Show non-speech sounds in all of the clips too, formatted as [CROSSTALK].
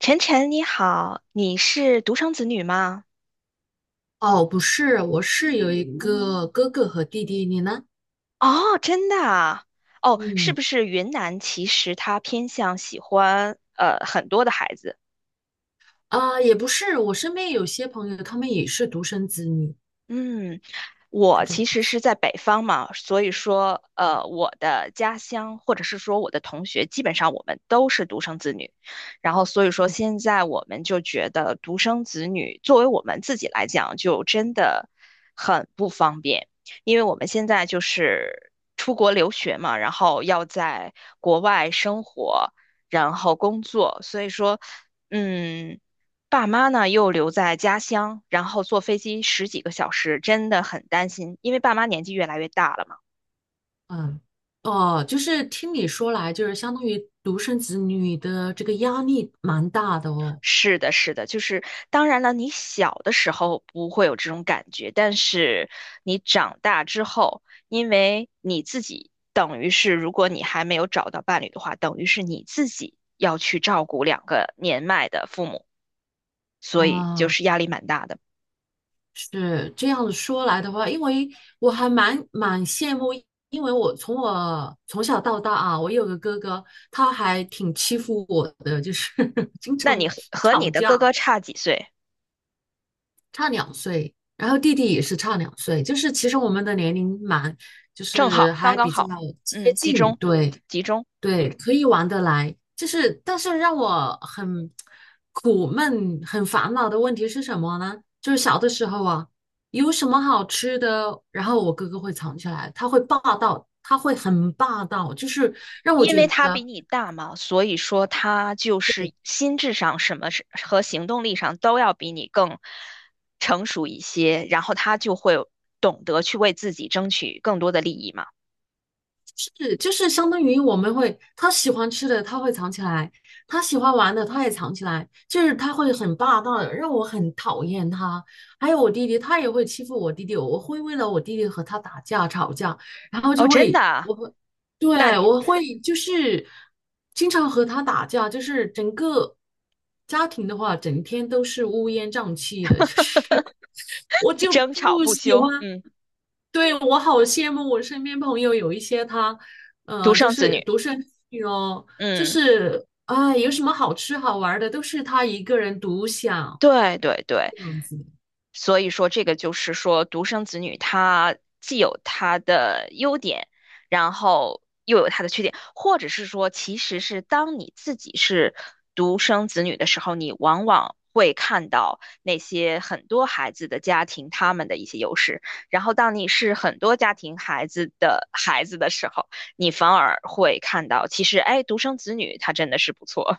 晨晨你好，你是独生子女吗？哦，不是，我是有一个哥哥和弟弟，你呢？哦，真的啊？哦，是嗯，不是云南其实它偏向喜欢很多的孩子？也不是，我身边有些朋友，他们也是独生子女，嗯，是我这其样实子。是在北方嘛，所以说，啊，我的家乡或者是说我的同学，基本上我们都是独生子女，然后所以说嗯现在我们就觉得独生子女作为我们自己来讲，就真的很不方便，因为我们现在就是出国留学嘛，然后要在国外生活，然后工作，所以说，嗯。爸妈呢又留在家乡，然后坐飞机十几个小时，真的很担心，因为爸妈年纪越来越大了嘛。嗯，哦，就是听你说来，就是相当于独生子女的这个压力蛮大的哦。是的，是的，就是当然了，你小的时候不会有这种感觉，但是你长大之后，因为你自己等于是，如果你还没有找到伴侣的话，等于是你自己要去照顾两个年迈的父母，所以就啊，是压力蛮大的。是这样子说来的话，因为我还蛮羡慕，因为我从小到大啊，我有个哥哥，他还挺欺负我的，就是 [LAUGHS] 经那常你和吵你的哥架。哥差几岁？差两岁，然后弟弟也是差两岁，就是其实我们的年龄蛮，就正好，是刚还刚比较好，接嗯，集近，中，对集中。对，可以玩得来。就是，但是让我很苦闷、很烦恼的问题是什么呢？就是小的时候啊，有什么好吃的，然后我哥哥会藏起来，他会霸道，他会很霸道，就是让我因觉为他得。比你大嘛，所以说他就是心智上什么是和行动力上都要比你更成熟一些，然后他就会懂得去为自己争取更多的利益嘛。是，就是相当于我们会，他喜欢吃的他会藏起来，他喜欢玩的他也藏起来，就是他会很霸道的，让我很讨厌他。还有我弟弟，他也会欺负我弟弟，我会为了我弟弟和他打架吵架，然后哦，就真的会，啊？我会，那对，你。我会就是经常和他打架，就是整个家庭的话，整天都是乌烟瘴气的，就是 [LAUGHS] 我就争吵不不喜休，欢。嗯，对，我好羡慕我身边朋友有一些他，独就生子是女，独生女哦，就嗯，是有什么好吃好玩的都是他一个人独享对对对。这样子。所以说，这个就是说，独生子女他既有他的优点，然后又有他的缺点，或者是说，其实是当你自己是独生子女的时候，你往往会看到那些很多孩子的家庭他们的一些优势，然后当你是很多家庭孩子的孩子的时候，你反而会看到，其实，哎，独生子女他真的是不错，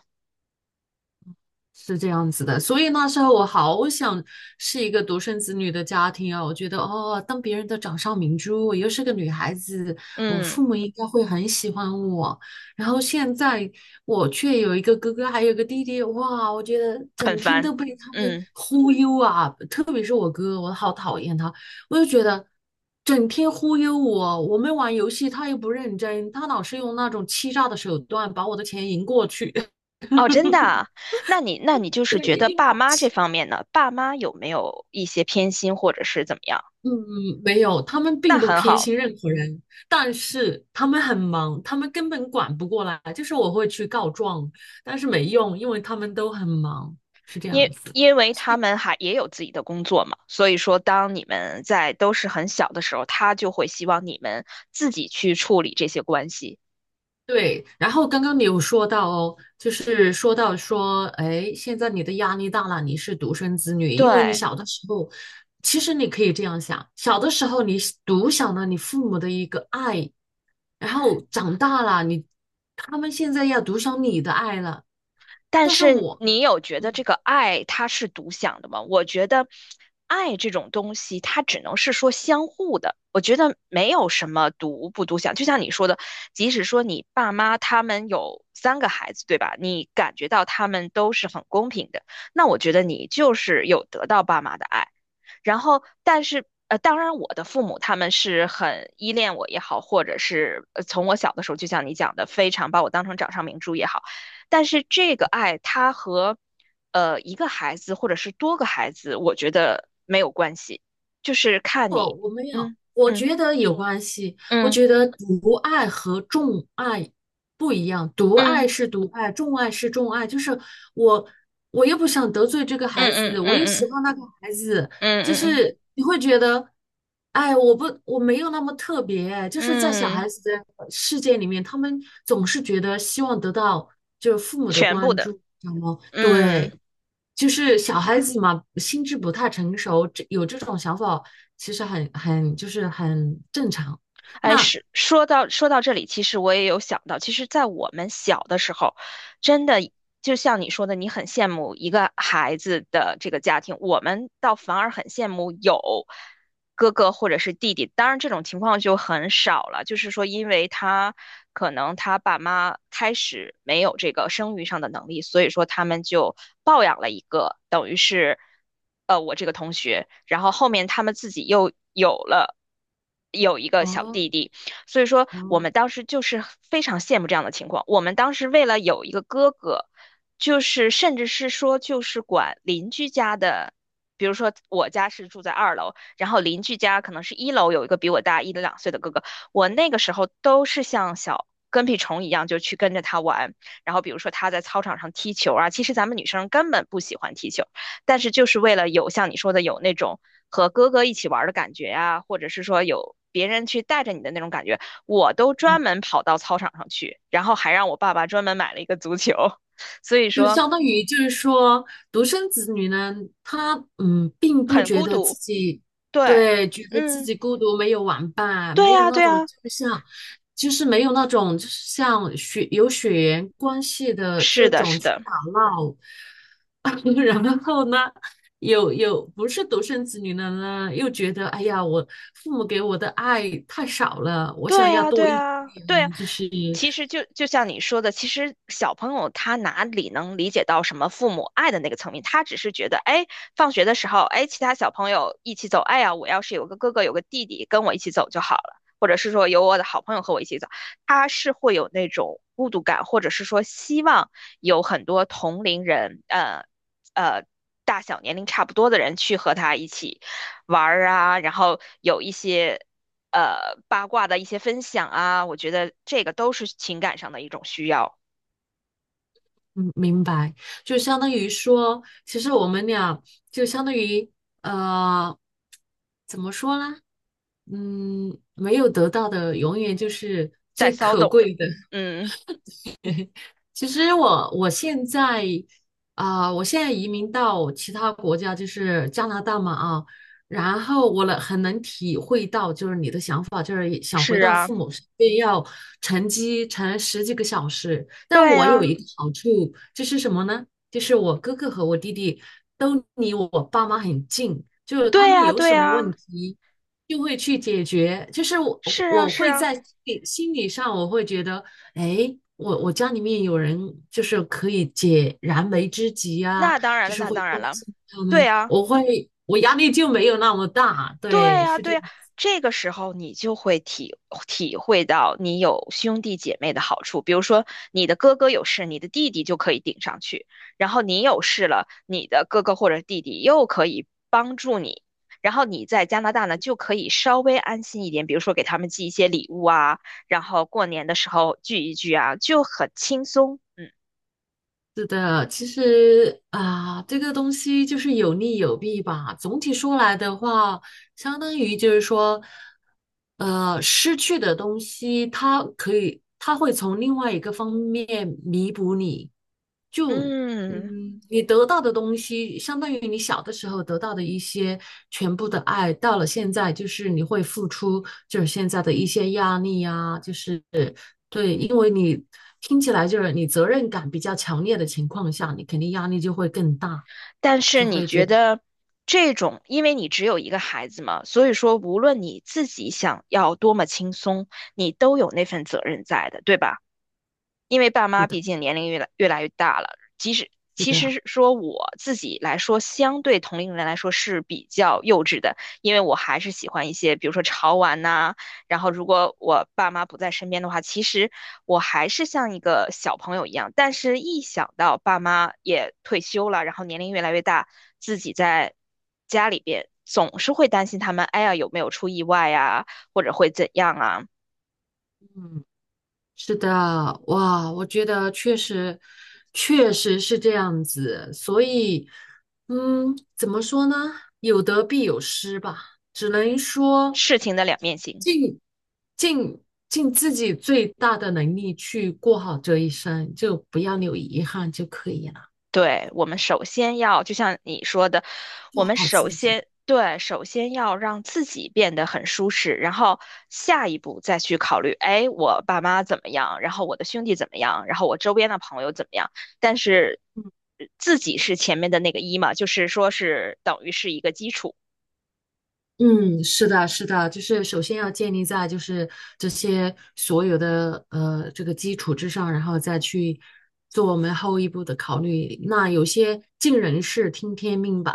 是这样子的，所以那时候我好想是一个独生子女的家庭啊，我觉得哦，当别人的掌上明珠，我又是个女孩子，我嗯，父母应该会很喜欢我。然后现在我却有一个哥哥，还有个弟弟，哇，我觉得很整天烦，都被他们嗯。忽悠啊，特别是我哥，我好讨厌他，我就觉得整天忽悠我，我们玩游戏他又不认真，他老是用那种欺诈的手段把我的钱赢过去，[LAUGHS] 哦，真的啊？那你就是觉对，得爸妈这方面呢，爸妈有没有一些偏心或者是怎么样？嗯，没有，他们那并不很偏好。心任何人，但是他们很忙，他们根本管不过来。就是我会去告状，但是没用，因为他们都很忙，是这因样子。因为他们还也有自己的工作嘛，所以说当你们在都是很小的时候，他就会希望你们自己去处理这些关系。对，然后刚刚你有说到哦，就是说到说，哎，现在你的压力大了，你是独生子女，因为你对，小的时候，其实你可以这样想，小的时候你是独享了你父母的一个爱，然后长大了，他们现在要独享你的爱了。但但是是我的，你有觉得这嗯，个爱它是独享的吗？我觉得爱这种东西，它只能是说相互的。我觉得没有什么独不独享，就像你说的，即使说你爸妈他们有三个孩子，对吧？你感觉到他们都是很公平的，那我觉得你就是有得到爸妈的爱。然后，但是当然我的父母他们是很依恋我也好，或者是从我小的时候，就像你讲的，非常把我当成掌上明珠也好。但是这个爱，它和一个孩子或者是多个孩子，我觉得没有关系，就是看我你，我没有，嗯我嗯觉得有关系。我嗯觉得独爱和众爱不一样，独嗯爱是独爱，众爱是众爱。就是我，我又不想得罪这个孩嗯嗯子，我嗯又喜嗯欢那个孩子，就嗯嗯是你会觉得，哎，我没有那么特别。就是在小嗯，嗯，孩子的世界里面，他们总是觉得希望得到就是父母的全部关的，注，知道吗？嗯。对。就是小孩子嘛，心智不太成熟，这有这种想法，其实很就是很正常。哎，那是说到这里，其实我也有想到，其实，在我们小的时候，真的就像你说的，你很羡慕一个孩子的这个家庭，我们倒反而很羡慕有哥哥或者是弟弟。当然，这种情况就很少了，就是说，因为他可能他爸妈开始没有这个生育上的能力，所以说他们就抱养了一个，等于是。然后后面他们自己又有一个小哦弟弟，所以说我哦，们当时就是非常羡慕这样的情况。我们当时为了有一个哥哥，就是甚至是说就是管邻居家的。比如说，我家是住在二楼，然后邻居家可能是一楼有一个比我大一两岁的哥哥，我那个时候都是像小跟屁虫一样，就去跟着他玩。然后比如说他在操场上踢球啊，其实咱们女生根本不喜欢踢球，但是就是为了有像你说的有那种和哥哥一起玩的感觉呀、或者是说有别人去带着你的那种感觉，我都专门跑到操场上去，然后还让我爸爸专门买了一个足球，[LAUGHS] 所以就说相当于就是说，独生子女呢，他并不很觉孤得自独。己对，对，觉得自嗯，己孤独，没有玩伴，对没有呀，那对种呀，就是像，就是没有那种就是像有血缘关系的是这的，种是去的。打闹。[LAUGHS] 然后呢，有不是独生子女的呢，又觉得哎呀，我父母给我的爱太少了，我想对要啊，多对一啊，对啊。点，就是。其实就像你说的，其实小朋友他哪里能理解到什么父母爱的那个层面？他只是觉得，哎，放学的时候，哎，其他小朋友一起走，哎呀，我要是有个哥哥有个弟弟跟我一起走就好了，或者是说有我的好朋友和我一起走，他是会有那种孤独感，或者是说希望有很多同龄人，呃。大小年龄差不多的人去和他一起玩儿啊，然后有一些八卦的一些分享啊，我觉得这个都是情感上的一种需要，嗯，明白，就相当于说，其实我们俩就相当于呃，怎么说呢？没有得到的永远就是在最骚可动。贵的。嗯，其实我现在现在移民到其他国家，就是加拿大嘛啊，然后我很能体会到，就是你的想法，就是想回是到啊，父母身边，要乘机乘十几个小时。但对我啊，有一个好处，就是什么呢？就是我哥哥和我弟弟都离我爸妈很近，就是他对们啊，有什对么啊，问题就会去解决。就是我是啊，我是会啊，在心理上，我会觉得。哎，我家里面有人就是可以解燃眉之急啊，那当然就了，是那会当然关了，心他对们，啊。我压力就没有那么大，对对，呀，是这对呀，样。这个时候你就会体会到你有兄弟姐妹的好处。比如说，你的哥哥有事，你的弟弟就可以顶上去；然后你有事了，你的哥哥或者弟弟又可以帮助你。然后你在加拿大呢，就可以稍微安心一点，比如说给他们寄一些礼物啊，然后过年的时候聚一聚啊，就很轻松。嗯是的，其实啊，这个东西就是有利有弊吧。总体说来的话，相当于就是说，失去的东西，它可以，它会从另外一个方面弥补你。就嗯。你得到的东西，相当于你小的时候得到的一些全部的爱，到了现在，就是你会付出，就是现在的一些压力呀、就是。对，因为你听起来就是你责任感比较强烈的情况下，你肯定压力就会更大，但是就你会觉觉得 得这种，因为你只有一个孩子嘛，所以说无论你自己想要多么轻松，你都有那份责任在的，对吧？因 [LAUGHS] 为爸是妈的，毕竟年龄越来越大了，即使是其的，实说我自己来说，相对同龄人来说是比较幼稚的，因为我还是喜欢一些，比如说潮玩呐、然后如果我爸妈不在身边的话，其实我还是像一个小朋友一样。但是，一想到爸妈也退休了，然后年龄越来越大，自己在家里边总是会担心他们，哎呀有没有出意外呀，或者会怎样啊？是的，哇，我觉得确实，确实是这样子，所以，怎么说呢？有得必有失吧，只能说事情的两面性。尽尽尽自己最大的能力去过好这一生，就不要留遗憾就可以了，对，我们首先要，就像你说的，我做们好自首己。先，对，首先要让自己变得很舒适，然后下一步再去考虑，哎，我爸妈怎么样，然后我的兄弟怎么样，然后我周边的朋友怎么样。但是嗯自己是前面的那个一嘛，就是说是等于是一个基础，嗯，是的，是的，就是首先要建立在就是这些所有的这个基础之上，然后再去做我们后一步的考虑。那有些尽人事，听天命吧，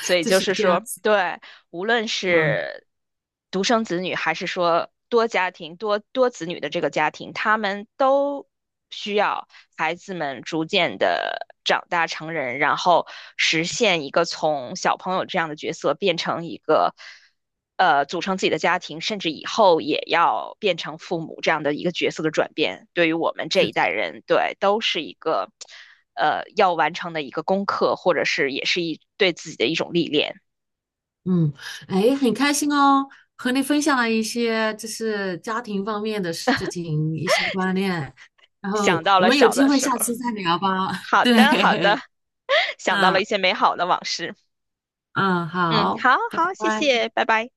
所 以就就是是这样说，子对。无论嘛。是独生子女，还是说多家庭、多子女的这个家庭，他们都需要孩子们逐渐的长大成人，然后实现一个从小朋友这样的角色变成一个。组成自己的家庭，甚至以后也要变成父母这样的一个角色的转变，对于我们这是一代的，人，对，都是一个要完成的一个功课，或者是也是一对自己的一种历练。嗯，哎，很开心哦，和你分享了一些就是家庭方面的事情，一些观念，然想后到我了们有小机的会时下候。次再聊吧。[LAUGHS] 好的，好的，对，[LAUGHS] 想到了一嗯些美好的往事。嗯，嗯，好，好拜好，谢拜。谢，拜拜。